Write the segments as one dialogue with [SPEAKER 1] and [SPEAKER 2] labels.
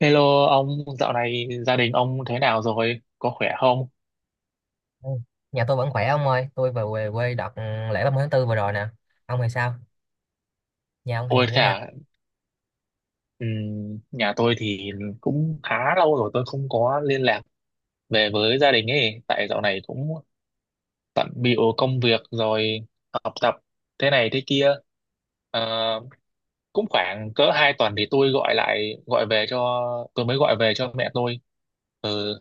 [SPEAKER 1] Hello ông, dạo này gia đình ông thế nào rồi? Có khỏe không?
[SPEAKER 2] Ừ. Nhà tôi vẫn khỏe ông ơi, tôi vừa về quê đợt lễ ba mươi tháng 4 vừa rồi nè. Ông thì sao? Nhà ông thì
[SPEAKER 1] Ôi
[SPEAKER 2] như thế
[SPEAKER 1] thế
[SPEAKER 2] nào?
[SPEAKER 1] à, nhà tôi thì cũng khá lâu rồi tôi không có liên lạc về với gia đình ấy. Tại dạo này cũng bận bịu công việc rồi học tập thế này thế kia. Ờ, cũng khoảng cỡ 2 tuần thì tôi gọi lại, gọi về cho, tôi mới gọi về cho mẹ tôi. Ừ,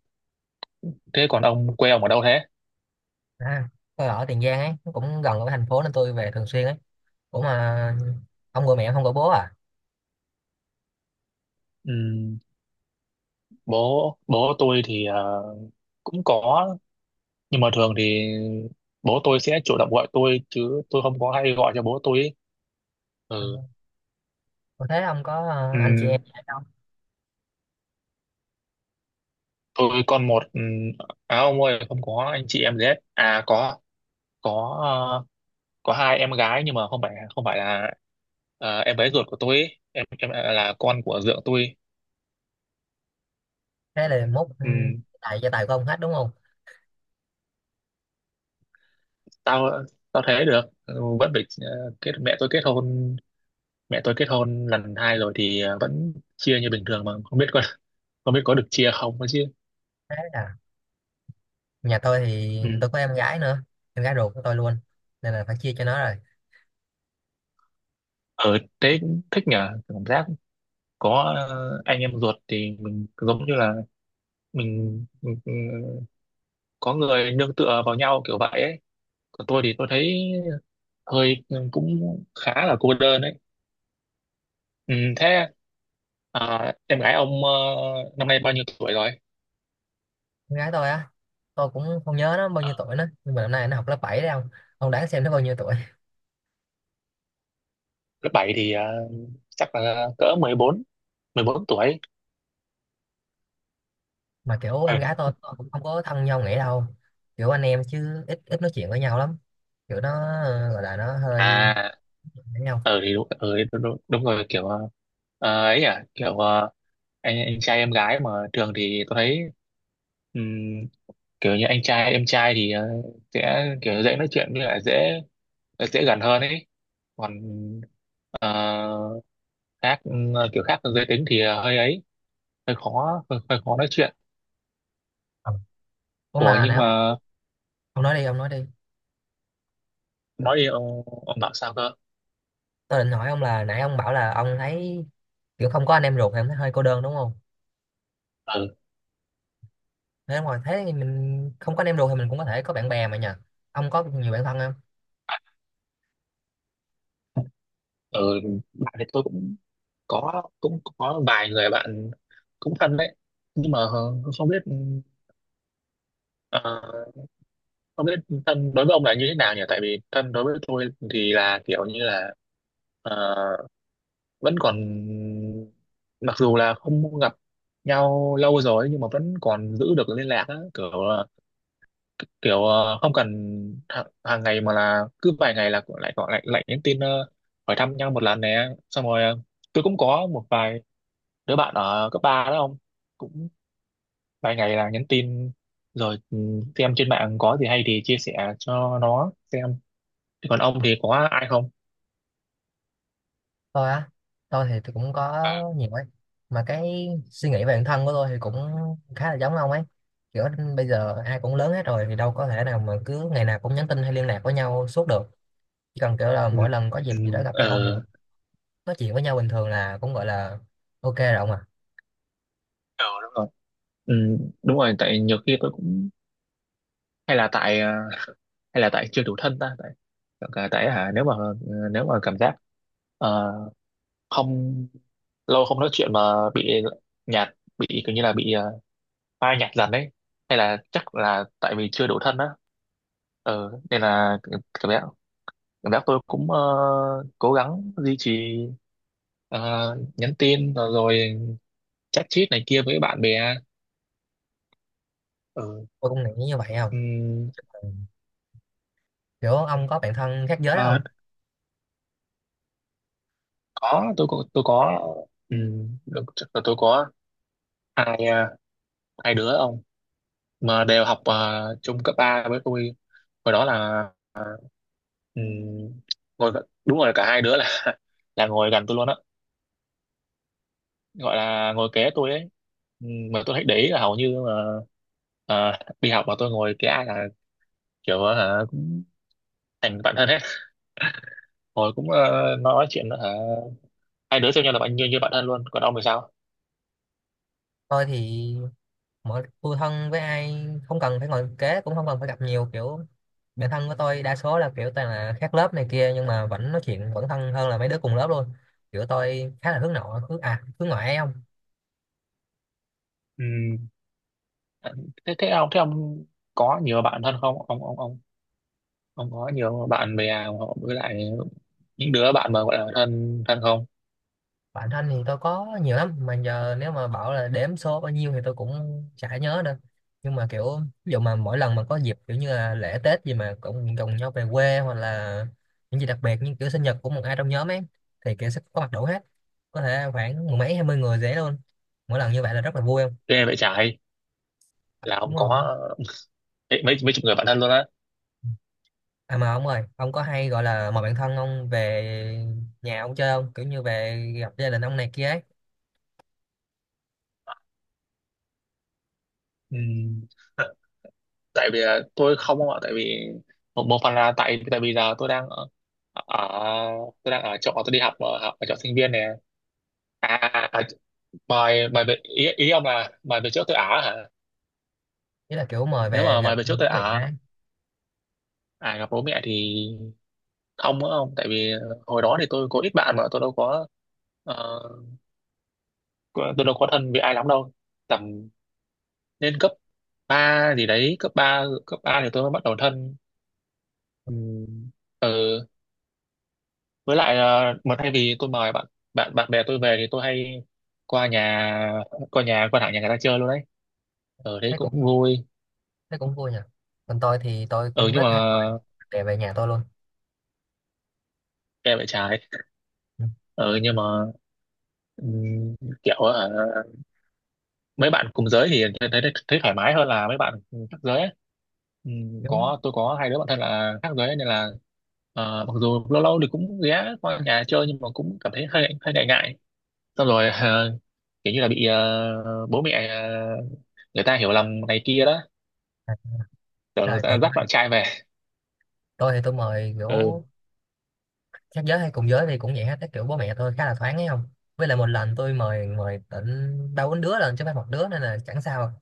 [SPEAKER 1] thế còn ông, quê ông ở đâu thế?
[SPEAKER 2] À, tôi ở Tiền Giang ấy, nó cũng gần ở thành phố nên tôi về thường xuyên ấy. Ủa mà ông gọi mẹ ông không gọi bố à?
[SPEAKER 1] Ừm, bố tôi thì cũng có, nhưng mà thường thì bố tôi sẽ chủ động gọi tôi chứ tôi không có hay gọi cho bố tôi ấy.
[SPEAKER 2] Ừ.
[SPEAKER 1] Ừ.
[SPEAKER 2] Ủa thế ông có anh chị
[SPEAKER 1] Ừm,
[SPEAKER 2] em gì hay không?
[SPEAKER 1] tôi con một, à ông ơi, không có anh chị em gì hết à? Có ờ, có hai em gái, nhưng mà không phải là em bé ruột của tôi ấy. À, là con của dượng tôi.
[SPEAKER 2] Thế là mốt
[SPEAKER 1] Ừm,
[SPEAKER 2] tại gia tài của ông hết đúng không?
[SPEAKER 1] tao Tao thế được. Ừ, vẫn phải ờ, kết mẹ tôi kết hôn lần 2 rồi thì vẫn chia như bình thường, mà không biết có không biết có được chia không ấy
[SPEAKER 2] Thế là nhà tôi thì
[SPEAKER 1] chứ.
[SPEAKER 2] tôi có em gái nữa, em gái ruột của tôi luôn. Nên là phải chia cho nó rồi.
[SPEAKER 1] Ở thế, thích nhờ, cảm giác có anh em ruột thì mình giống như là mình có người nương tựa vào nhau kiểu vậy ấy. Còn tôi thì tôi thấy hơi cũng khá là cô đơn ấy. Ừ, thế à, em gái ông năm nay bao nhiêu tuổi rồi?
[SPEAKER 2] Em gái tôi á, tôi cũng không nhớ nó bao
[SPEAKER 1] Ờ,
[SPEAKER 2] nhiêu tuổi nữa, nhưng mà năm nay nó học lớp 7 đấy ông. Ông đoán xem nó bao nhiêu tuổi?
[SPEAKER 1] lớp 7 thì chắc là cỡ 14, 14 tuổi.
[SPEAKER 2] Mà kiểu
[SPEAKER 1] Ờ.
[SPEAKER 2] em gái tôi cũng không có thân nhau nghĩa đâu, kiểu anh em chứ ít ít nói chuyện với nhau lắm, kiểu nó gọi là nó hơi
[SPEAKER 1] À,
[SPEAKER 2] với nhau.
[SPEAKER 1] thì đúng, đúng, đúng, đúng rồi kiểu, ấy à kiểu, anh trai em gái mà thường thì tôi thấy ừm, kiểu như anh trai em trai thì sẽ kiểu dễ nói chuyện, với lại dễ dễ gần hơn ấy. Còn ờ, khác, kiểu khác giới tính thì hơi ấy, hơi khó, hơi khó nói chuyện.
[SPEAKER 2] Ờ, ủa
[SPEAKER 1] Ủa
[SPEAKER 2] mà
[SPEAKER 1] nhưng mà
[SPEAKER 2] ông nói đi ông nói đi.
[SPEAKER 1] nói đi ông bảo sao cơ?
[SPEAKER 2] Tôi định hỏi ông là nãy ông bảo là ông thấy kiểu không có anh em ruột thì em thấy hơi cô đơn đúng không,
[SPEAKER 1] Ừ.
[SPEAKER 2] thế ngoài thế thì mình không có anh em ruột thì mình cũng có thể có bạn bè mà nhờ, ông có nhiều bạn thân không?
[SPEAKER 1] Ừ. Bạn thì tôi cũng có vài người bạn cũng thân đấy, nhưng mà không biết. Ờ, Không biết thân đối với ông là như thế nào nhỉ? Tại vì thân đối với tôi thì là kiểu như là ờ, vẫn còn, mặc dù là không gặp nhau lâu rồi nhưng mà vẫn còn giữ được liên lạc á, kiểu không cần hàng ngày, mà là cứ vài ngày là lại gọi, lại lại nhắn tin, hỏi thăm nhau một lần nè. Xong rồi tôi cũng có một vài đứa bạn ở cấp 3 đó không? Cũng vài ngày là nhắn tin rồi, xem trên mạng có gì hay thì chia sẻ cho nó xem. Thế còn ông thì có ai không?
[SPEAKER 2] Tôi á, tôi thì tôi cũng có
[SPEAKER 1] Ờ,
[SPEAKER 2] nhiều ấy, mà cái suy nghĩ về bản thân của tôi thì cũng khá là giống ông ấy. Kiểu bây giờ ai cũng lớn hết rồi thì đâu có thể nào mà cứ ngày nào cũng nhắn tin hay liên lạc với nhau suốt được, chỉ cần kiểu là
[SPEAKER 1] ừ,
[SPEAKER 2] mỗi lần có
[SPEAKER 1] ừ,
[SPEAKER 2] dịp gì đó gặp nhau thì
[SPEAKER 1] ờ,
[SPEAKER 2] nói chuyện với nhau bình thường là cũng gọi là ok rồi ông à.
[SPEAKER 1] ờ, đúng rồi. ừ, Đúng rồi, tại nhiều khi tôi cũng hay là tại, à, hay là tại chưa đủ thân ta, tại, tại tại, hả nếu mà, nếu mà cảm giác ờ, không lâu không nói chuyện mà bị nhạt, bị kiểu như là bị, phai nhạt dần đấy, hay là chắc là tại vì chưa đủ thân á. Nên là cảm giác, tôi cũng cố gắng duy trì, ờ, nhắn tin rồi chat chít này kia với bạn bè. Ừ.
[SPEAKER 2] Tôi cũng nghĩ như vậy không.
[SPEAKER 1] ừm,
[SPEAKER 2] Ừ. Kiểu ông có bạn thân khác giới
[SPEAKER 1] À,
[SPEAKER 2] không?
[SPEAKER 1] có tôi có tôi có, được, chắc là tôi có hai, hai đứa ông, mà đều học chung cấp 3 với tôi. Hồi đó là, ừm, đúng rồi, cả hai đứa là là ngồi gần tôi luôn á, gọi là ngồi kế tôi ấy. Mà tôi thấy để ý là hầu như mà ờ, đi học mà tôi ngồi kế ai là kiểu hả cũng thành bạn thân hết. Hồi cũng nói chuyện, hả hai đứa xem nhau là bạn, như như bạn thân luôn. Còn ông thì sao?
[SPEAKER 2] Tôi thì mọi tôi thân với ai không cần phải ngồi kế cũng không cần phải gặp nhiều, kiểu bạn thân của tôi đa số là kiểu toàn là khác lớp này kia nhưng mà vẫn nói chuyện vẫn thân hơn là mấy đứa cùng lớp luôn. Kiểu tôi khá là hướng nội hướng ngoại ấy không.
[SPEAKER 1] Ừ. thế thế ông có nhiều bạn thân không ông? Ông có nhiều bạn bè, hoặc với lại những đứa bạn mà gọi là thân thân không?
[SPEAKER 2] Bạn thân thì tôi có nhiều lắm mà giờ nếu mà bảo là đếm số bao nhiêu thì tôi cũng chả nhớ nữa, nhưng mà kiểu ví dụ mà mỗi lần mà có dịp kiểu như là lễ Tết gì mà cũng cùng nhau về quê hoặc là những gì đặc biệt như kiểu sinh nhật của một ai trong nhóm ấy thì kiểu sẽ có mặt đủ hết, có thể khoảng mười mấy 20 người dễ luôn. Mỗi lần như vậy là rất là vui không,
[SPEAKER 1] Ghê vậy trái, là ông
[SPEAKER 2] đúng rồi.
[SPEAKER 1] có mấy mấy mấy chục người bạn thân luôn á.
[SPEAKER 2] À mà ông ơi, ông có hay gọi là mời bạn thân ông về nhà ông chơi không? Kiểu như về gặp gia đình ông này kia ấy.
[SPEAKER 1] Ừ. Tại vì là tôi không ông ạ, tại vì một phần là tại tại vì giờ ở tôi đang ở chỗ tôi đi học ở chỗ sinh viên nè. À, à, mày mày về, ý ông là mày về chỗ Tây Á hả?
[SPEAKER 2] Ý là kiểu mời
[SPEAKER 1] Nếu
[SPEAKER 2] về
[SPEAKER 1] mà mày
[SPEAKER 2] gặp
[SPEAKER 1] về
[SPEAKER 2] bố
[SPEAKER 1] chỗ Tây
[SPEAKER 2] mẹ
[SPEAKER 1] Á,
[SPEAKER 2] ấy.
[SPEAKER 1] à gặp bố mẹ thì ông, á ông tại vì hồi đó thì tôi có ít bạn mà tôi đâu có ờ, có- tôi đâu có thân với ai lắm đâu. Tầm lên cấp 3 gì đấy, cấp 3 thì tôi mới bắt đầu thân. Ừ. Ừ. Với lại mà thay vì tôi mời bạn bạn bạn bè tôi về thì tôi hay qua nhà qua thẳng nhà người ta chơi luôn đấy. Ở đấy
[SPEAKER 2] Thấy
[SPEAKER 1] cũng
[SPEAKER 2] cũng
[SPEAKER 1] vui.
[SPEAKER 2] thấy cũng vui nhỉ. Còn tôi thì tôi
[SPEAKER 1] Ừ,
[SPEAKER 2] cũng
[SPEAKER 1] nhưng
[SPEAKER 2] rất
[SPEAKER 1] mà
[SPEAKER 2] hay gọi để về nhà tôi luôn.
[SPEAKER 1] em lại trái,
[SPEAKER 2] Ừ,
[SPEAKER 1] ừ nhưng mà Ừm, kiểu mấy bạn cùng giới thì thấy, thấy thoải mái hơn là mấy bạn khác giới ấy.
[SPEAKER 2] kiểu
[SPEAKER 1] Tôi có hai đứa bạn thân là khác giới, nên là mặc dù lâu lâu thì cũng ghé qua nhà chơi nhưng mà cũng cảm thấy hơi hơi ngại ngại. Xong rồi kiểu như là bị bố mẹ, người ta hiểu lầm này kia đó,
[SPEAKER 2] à,
[SPEAKER 1] tưởng người
[SPEAKER 2] rồi
[SPEAKER 1] ta
[SPEAKER 2] còn tôi,
[SPEAKER 1] dắt bạn trai về.
[SPEAKER 2] tôi thì tôi mời
[SPEAKER 1] Ừ
[SPEAKER 2] kiểu khác giới hay cùng giới thì cũng vậy hết. Cái kiểu bố mẹ tôi khá là thoáng ấy không? Với lại một lần tôi mời mời tận ba bốn đứa lần chứ phải một đứa nên là chẳng sao.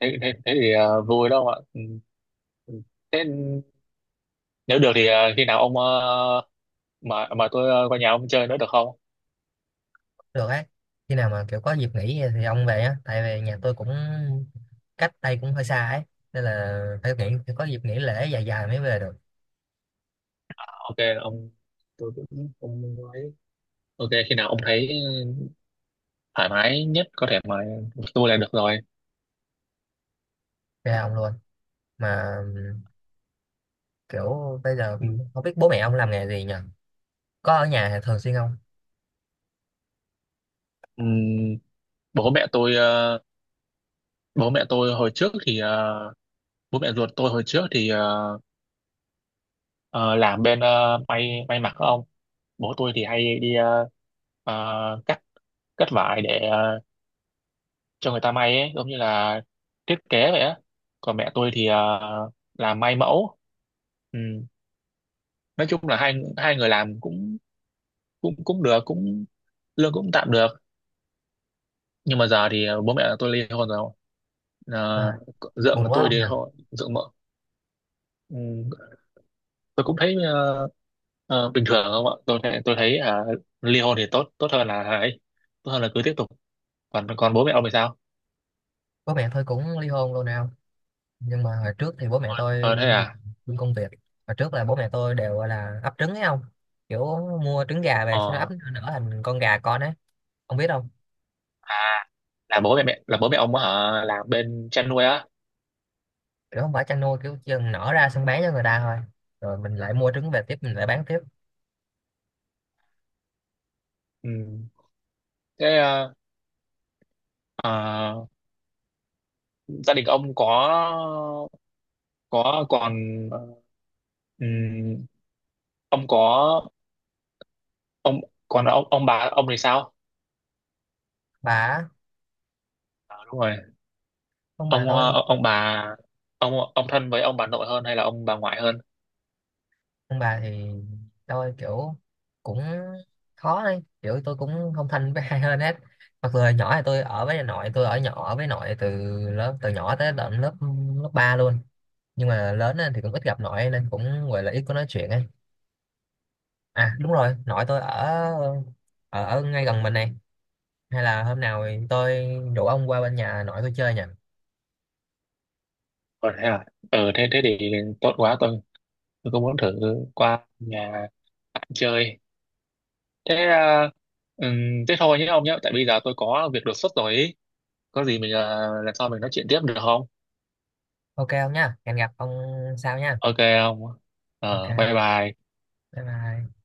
[SPEAKER 1] thế, thế thì vui đâu ạ. Ừ. Ừ. Thế nếu được thì khi nào ông, mà tôi qua nhà ông chơi nữa được không?
[SPEAKER 2] Được ấy, khi nào mà kiểu có dịp nghỉ thì ông về á tại vì nhà tôi cũng cách đây cũng hơi xa ấy, nên là phải nghỉ phải có dịp nghỉ lễ dài dài mới về được.
[SPEAKER 1] OK ông, tôi cũng, ông nói OK khi nào ông thấy thoải mái nhất có thể mà, tôi là được rồi.
[SPEAKER 2] Về ông luôn mà kiểu bây giờ
[SPEAKER 1] Ừ.
[SPEAKER 2] không biết bố mẹ ông làm nghề gì nhỉ, có ở nhà thường xuyên không?
[SPEAKER 1] Ừm, bố mẹ tôi ờ, Bố mẹ tôi hồi trước thì bố mẹ ruột tôi hồi trước thì ờ, làm bên, may mặc không? Bố tôi thì hay đi cắt cắt vải để cho người ta may ấy, giống như là thiết kế vậy á. Còn mẹ tôi thì làm may mẫu. Ừ. Nói chung là hai hai người làm cũng, cũng cũng được, cũng lương cũng tạm được. Nhưng mà giờ thì bố mẹ tôi ly hôn rồi. À,
[SPEAKER 2] À,
[SPEAKER 1] dượng
[SPEAKER 2] buồn quá
[SPEAKER 1] tôi
[SPEAKER 2] ông
[SPEAKER 1] thì
[SPEAKER 2] nhỉ.
[SPEAKER 1] họ dượng mợ. ừm, tôi cũng thấy bình thường không ạ. Tôi thấy, à, ly hôn thì tốt tốt hơn là ấy, tốt hơn là cứ tiếp tục. Còn Còn bố mẹ ông thì sao?
[SPEAKER 2] Bố mẹ tôi cũng ly hôn luôn nào, nhưng mà hồi trước thì bố mẹ tôi
[SPEAKER 1] Ờ thế à?
[SPEAKER 2] làm công việc, hồi trước là bố mẹ tôi đều gọi là ấp trứng ấy không, kiểu mua trứng gà về sau đó
[SPEAKER 1] ờ
[SPEAKER 2] ấp nở thành con gà con ấy ông biết không.
[SPEAKER 1] à là bố mẹ mẹ là bố mẹ ông ở làm bên chăn nuôi á?
[SPEAKER 2] Kiểu không phải chăn nuôi, kiểu chừng nở ra xong bán cho người ta thôi rồi mình lại mua trứng về tiếp, mình lại bán tiếp.
[SPEAKER 1] Ừ. Thế ờ, gia đình ông có, có còn ờ, ừm, ông có ông còn ông bà ông thì sao?
[SPEAKER 2] Bà á,
[SPEAKER 1] Ờ, đúng rồi.
[SPEAKER 2] ông bà
[SPEAKER 1] ông
[SPEAKER 2] tôi,
[SPEAKER 1] ờ, ông bà ông thân với ông bà nội hơn hay là ông bà ngoại hơn?
[SPEAKER 2] ông bà thì tôi kiểu cũng khó đấy, kiểu tôi cũng không thân với ai hơn hết. Mặc dù hồi nhỏ thì tôi ở với nội tôi, ở nhỏ ở với nội từ lớp từ nhỏ tới tận lớp lớp 3 luôn, nhưng mà lớn lên thì cũng ít gặp nội nên cũng gọi là ít có nói chuyện ấy. À đúng rồi, nội tôi ở ở, ở ngay gần mình này, hay là hôm nào thì tôi rủ ông qua bên nhà nội tôi chơi nhỉ.
[SPEAKER 1] Còn thế à. Ừ, thế thế thì tốt quá, tôi cũng muốn thử qua nhà bạn chơi. thế ờ, Thế thôi nhé ông nhé, tại bây giờ tôi có việc đột xuất rồi ý. Có gì mình, lần sau mình nói chuyện tiếp được không?
[SPEAKER 2] Ok không nhá, hẹn gặp ông sau nhá.
[SPEAKER 1] OK không,
[SPEAKER 2] Ok
[SPEAKER 1] bye bye.
[SPEAKER 2] bye bye.